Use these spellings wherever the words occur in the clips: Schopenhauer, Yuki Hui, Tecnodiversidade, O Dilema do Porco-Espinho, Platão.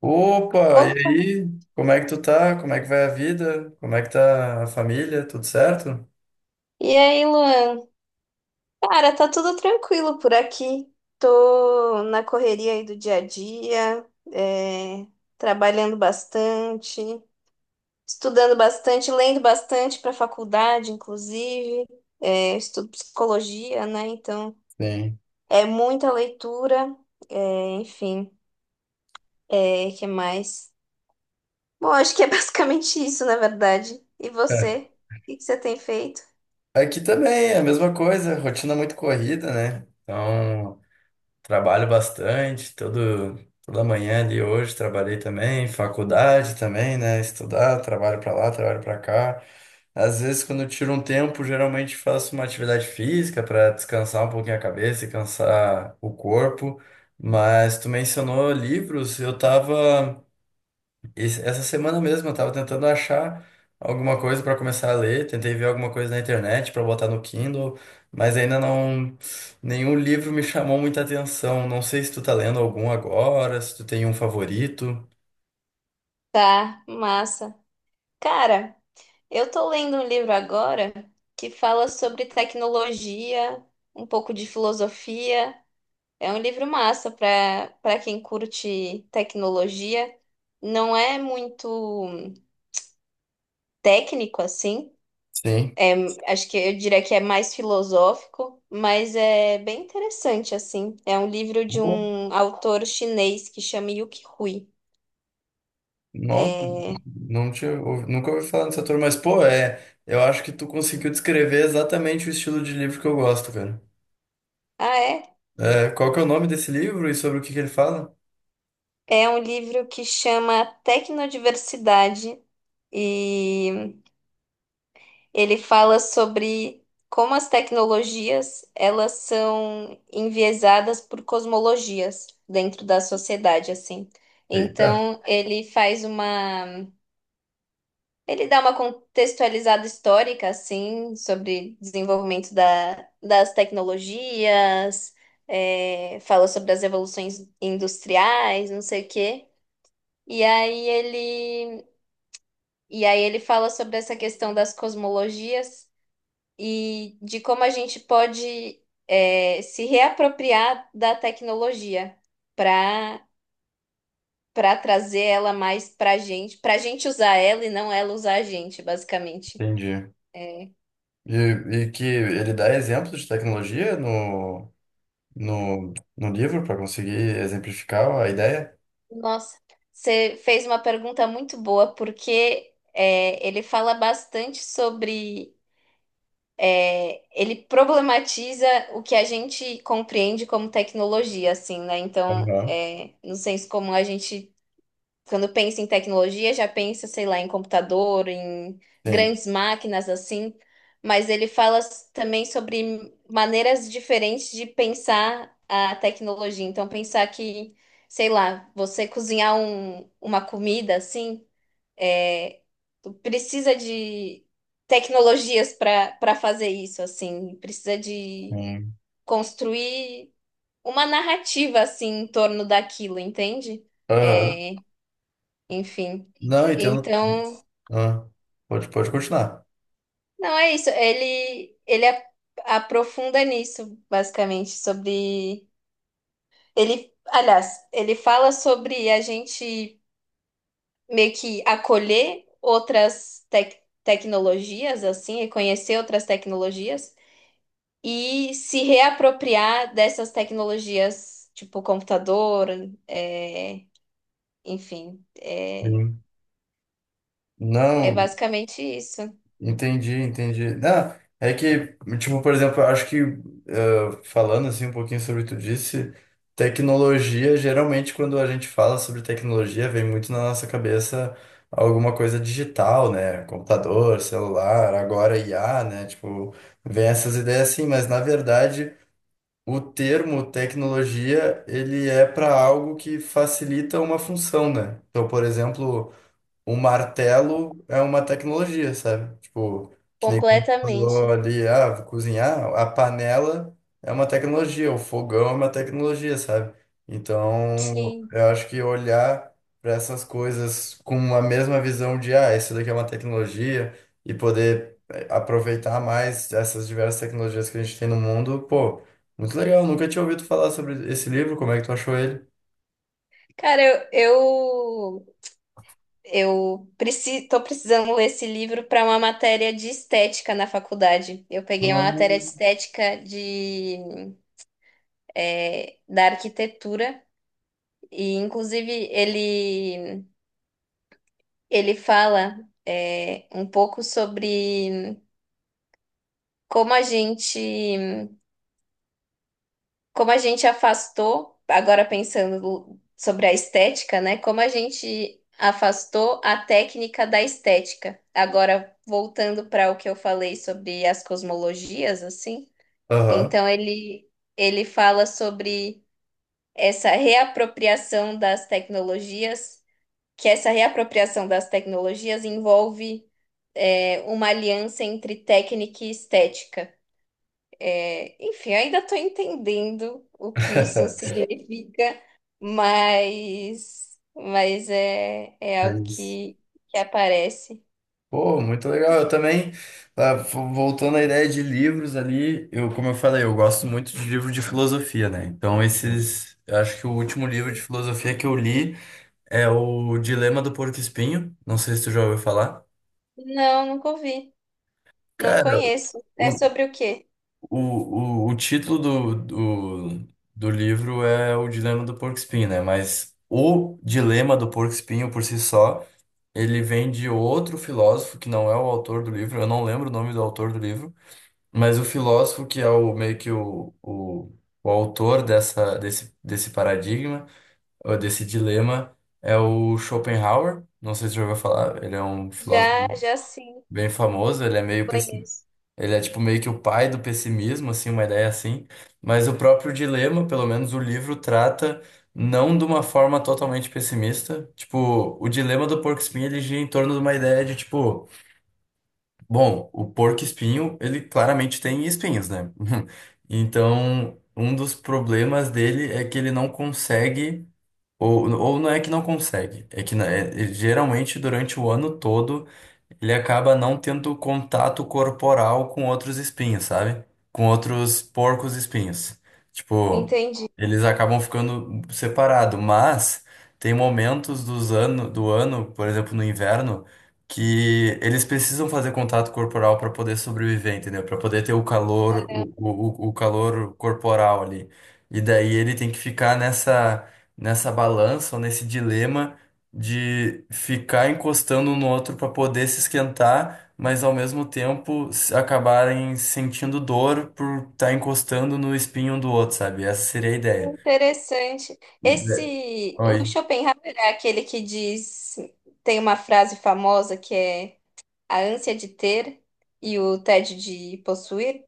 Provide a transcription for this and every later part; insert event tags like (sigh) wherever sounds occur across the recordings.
Opa, e Opa, aí? Como é que tu tá? Como é que vai a vida? Como é que tá a família? Tudo certo? e aí, Luan? Cara, tá tudo tranquilo por aqui. Tô na correria aí do dia a dia, é, trabalhando bastante, estudando bastante, lendo bastante para faculdade, inclusive. É, estudo psicologia, né? Então, Sim. é muita leitura, enfim, é, que mais? Bom, acho que é (laughs) basicamente isso, na verdade. E É. você? O que que você tem feito? Aqui também é a mesma coisa, rotina muito corrida, né? Trabalho bastante, toda manhã ali hoje trabalhei também, faculdade também, né? Estudar, trabalho pra lá, trabalho pra cá. Às vezes, quando eu tiro um tempo, geralmente faço uma atividade física pra descansar um pouquinho a cabeça e cansar o corpo. Mas tu mencionou livros, eu tava. Essa semana mesmo eu tava tentando achar alguma coisa pra começar a ler, tentei ver alguma coisa na internet pra botar no Kindle, mas ainda não nenhum livro me chamou muita atenção. Não sei se tu tá lendo algum agora, se tu tem um favorito. Tá, massa. Cara. Eu tô lendo um livro agora que fala sobre tecnologia, um pouco de filosofia. É um livro massa para quem curte tecnologia. Não é muito técnico assim. Sim. Acho que eu diria que é mais filosófico, mas é bem interessante assim. É um livro de Pô, um autor chinês que chama Yuki Hui. nossa, É... nunca ouvi falar dessa turma, mas pô, é, eu acho que tu conseguiu descrever exatamente o estilo de livro que eu gosto, cara. Ah, é? É, qual que é o nome desse livro e sobre o que que ele fala? É um livro que chama Tecnodiversidade e ele fala sobre como as tecnologias elas são enviesadas por cosmologias dentro da sociedade, assim. Eita, Então, ele dá uma contextualizada histórica, assim, sobre desenvolvimento das tecnologias, é, fala sobre as revoluções industriais, não sei o quê. E aí ele, e aí ele fala sobre essa questão das cosmologias, e de como a gente pode, é, se reapropriar da tecnologia para para trazer ela mais para a gente usar ela e não ela usar a gente, basicamente. entendi. E, que ele dá exemplos de tecnologia no livro para conseguir exemplificar a ideia? Nossa, você fez uma pergunta muito boa, porque é, ele fala bastante sobre. É, ele problematiza o que a gente compreende como tecnologia, assim, né? Então, Aham. é, no senso comum, a gente. Quando pensa em tecnologia, já pensa, sei lá, em computador, em Sim, grandes máquinas assim, mas também sobre maneiras diferentes de pensar a tecnologia. Então, pensar que, sei lá, você cozinhar uma comida assim, é, tu precisa de tecnologias para fazer isso, assim, precisa de sim. construir uma narrativa assim em torno daquilo, entende? Aham. É, enfim. Não, entendo. Então, Ah, pode continuar. não é isso. Ele aprofunda nisso, basicamente, sobre. Ele, aliás, ele fala sobre a gente meio que acolher outras tecnologias, assim, e conhecer outras tecnologias e se reapropriar dessas tecnologias, tipo computador, é, enfim, é, Sim. é Não, basicamente isso. entendi, entendi. Não, é que, tipo, por exemplo, eu acho que, eh, falando assim um pouquinho sobre o que tu disse, tecnologia, geralmente quando a gente fala sobre tecnologia, vem muito na nossa cabeça alguma coisa digital, né? Computador, celular, agora IA, né? Tipo, vem essas ideias assim, mas na verdade, o termo tecnologia, ele é para algo que facilita uma função, né? Então, por exemplo, um martelo é uma tecnologia, sabe? Tipo, que nem quando você falou Completamente. ali, ah, vou cozinhar, a panela é uma tecnologia, o fogão é uma tecnologia, sabe? Então, Sim. eu acho que olhar para essas coisas com a mesma visão de, ah, isso daqui é uma tecnologia e poder aproveitar mais essas diversas tecnologias que a gente tem no mundo, pô, muito legal. Nunca tinha ouvido falar sobre esse livro, como é que tu achou ele? Cara, eu, tô precisando ler esse livro para uma matéria de estética na faculdade. Eu peguei uma Ah, matéria de estética de, é, da arquitetura e, inclusive, ele fala, é, um pouco sobre como a gente como a gente afastou, agora pensando sobre a estética, né? Como a gente afastou a técnica da estética. Agora, voltando para o que eu falei sobre as cosmologias, assim, aham. então ele fala sobre essa reapropriação das tecnologias, que essa reapropriação das tecnologias envolve, é, uma aliança entre técnica e estética. É, enfim, ainda estou entendendo o que isso (laughs) significa, mas é, é É algo isso. Que aparece. Pô, muito legal. Eu também, ah, voltando à ideia de livros ali, eu, como eu falei, eu gosto muito de livro de filosofia, né? Então, uhum, esses, eu acho que o último livro de filosofia que eu li é o Dilema do Porco-Espinho. Não sei se tu já ouviu falar. Não, nunca ouvi. Não Cara, conheço. É o, sobre o quê? o, o título do livro é O Dilema do Porco-Espinho, né? Mas o Dilema do Porco-Espinho por si só, ele vem de outro filósofo que não é o autor do livro. Eu não lembro o nome do autor do livro. Mas o filósofo, que é o meio que o autor desse paradigma, ou desse dilema, é o Schopenhauer. Não sei se você já ouviu falar, ele é um filósofo Já, já sim, bem famoso, ele é conheço. ele é tipo meio que o pai do pessimismo, assim, uma ideia assim. Mas o próprio dilema, pelo menos o livro, trata não de uma forma totalmente pessimista. Tipo, o dilema do porco-espinho, ele gira em torno de uma ideia de, tipo, bom, o porco-espinho, ele claramente tem espinhos, né? (laughs) Então, um dos problemas dele é que ele não consegue, ou não é que não consegue, é que, né, ele geralmente durante o ano todo ele acaba não tendo contato corporal com outros espinhos, sabe? Com outros porcos espinhos. Tipo, Entendi. eles acabam ficando separados, mas tem momentos do ano, por exemplo, no inverno, que eles precisam fazer contato corporal para poder sobreviver, entendeu? Para poder ter o calor, o calor corporal ali. E daí ele tem que ficar nessa balança ou nesse dilema de ficar encostando um no outro para poder se esquentar, mas ao mesmo tempo acabarem sentindo dor por estar encostando no espinho um do outro, sabe? Essa seria a ideia. Interessante. E da- Esse, o Oi. Schopenhauer é aquele que diz, tem uma frase famosa que é a ânsia de ter e o tédio de possuir,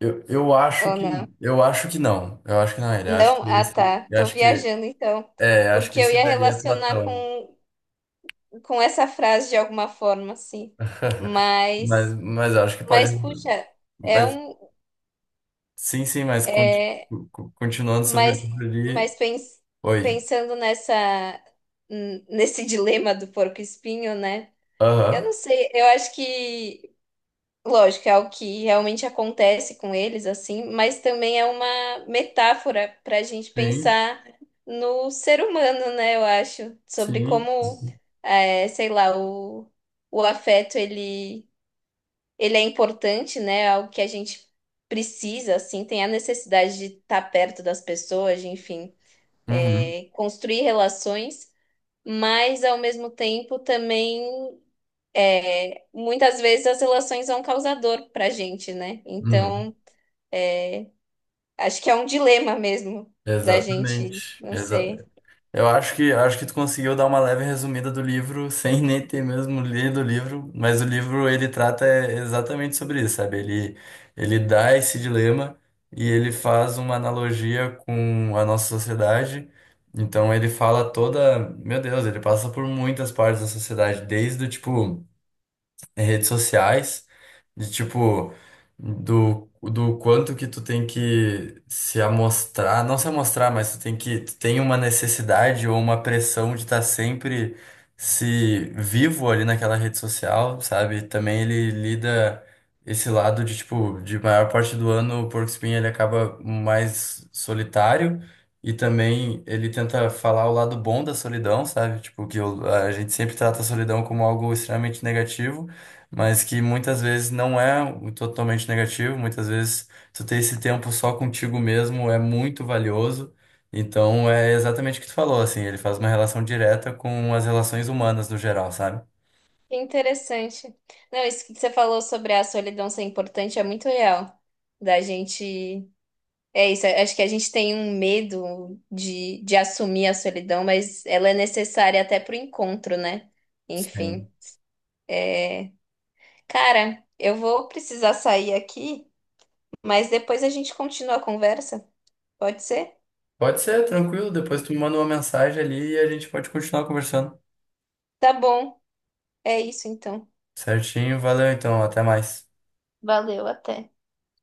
Eu, eu acho ou que não? eu acho que não. Eu acho que não é ele. Não? Ah, tá. Tô viajando então. Eu acho que Porque eu esse ia daí é relacionar Platão. com essa frase de alguma forma, assim. (laughs) Mas Mas, mas eu acho que pode, mas puxa, é mas um. sim, sim, mas continuando sobre o Mas, livro ali. mas pens- Oi. pensando nesse (laughs) dilema do porco-espinho, né? Eu Aham. não sei, eu acho que. Lógico, é o que realmente acontece com eles, assim, mas também é uma metáfora para a gente Sim, pensar no ser humano, né? Eu acho, sobre sim. como, é, sei lá, o afeto ele é importante, né? É algo que a gente precisa, assim, tem a necessidade de estar perto das pessoas, de, enfim, Uhum, é, construir relações, mas ao mesmo tempo também muitas vezes as relações são causador para a gente, né? uhum. Então acho que é um dilema mesmo da gente, Exatamente. não sei. Exa. Eu acho que tu conseguiu dar uma leve resumida do livro (laughs) sem nem ter mesmo lido o livro, mas o livro ele trata é, exatamente sobre isso, sabe? Ele dá esse dilema e ele faz uma analogia com a nossa sociedade. Então ele fala toda, meu Deus, ele passa por muitas partes da sociedade, desde o tipo em redes sociais, de tipo, do quanto que tu tem que se amostrar, não se amostrar, mas tu tem que, tu tem uma necessidade ou uma pressão de estar sempre se vivo ali naquela rede social, sabe? Também ele lida esse lado de, tipo, de maior parte do ano o Porco Espinho ele acaba mais solitário. E também ele tenta falar o lado bom da solidão, sabe? Tipo, a gente sempre trata a solidão como algo extremamente negativo, mas que muitas vezes não é o totalmente negativo, muitas vezes tu ter esse tempo só contigo mesmo é muito valioso. Então é exatamente o que tu falou, assim, ele faz uma relação direta com as relações humanas no geral, sabe? Que interessante. Não, isso que você falou sobre a solidão ser importante é muito real. Da gente. É isso, acho que a gente tem um medo de assumir a solidão, mas ela é necessária até pro encontro, né? Sim. Enfim. É, cara, eu vou precisar sair aqui, mas depois a gente continua a conversa. Pode ser? Pode ser, tranquilo, depois tu me manda uma mensagem ali e a gente pode continuar conversando. Tá bom. É isso então. Certinho, valeu então, até mais. Valeu, até.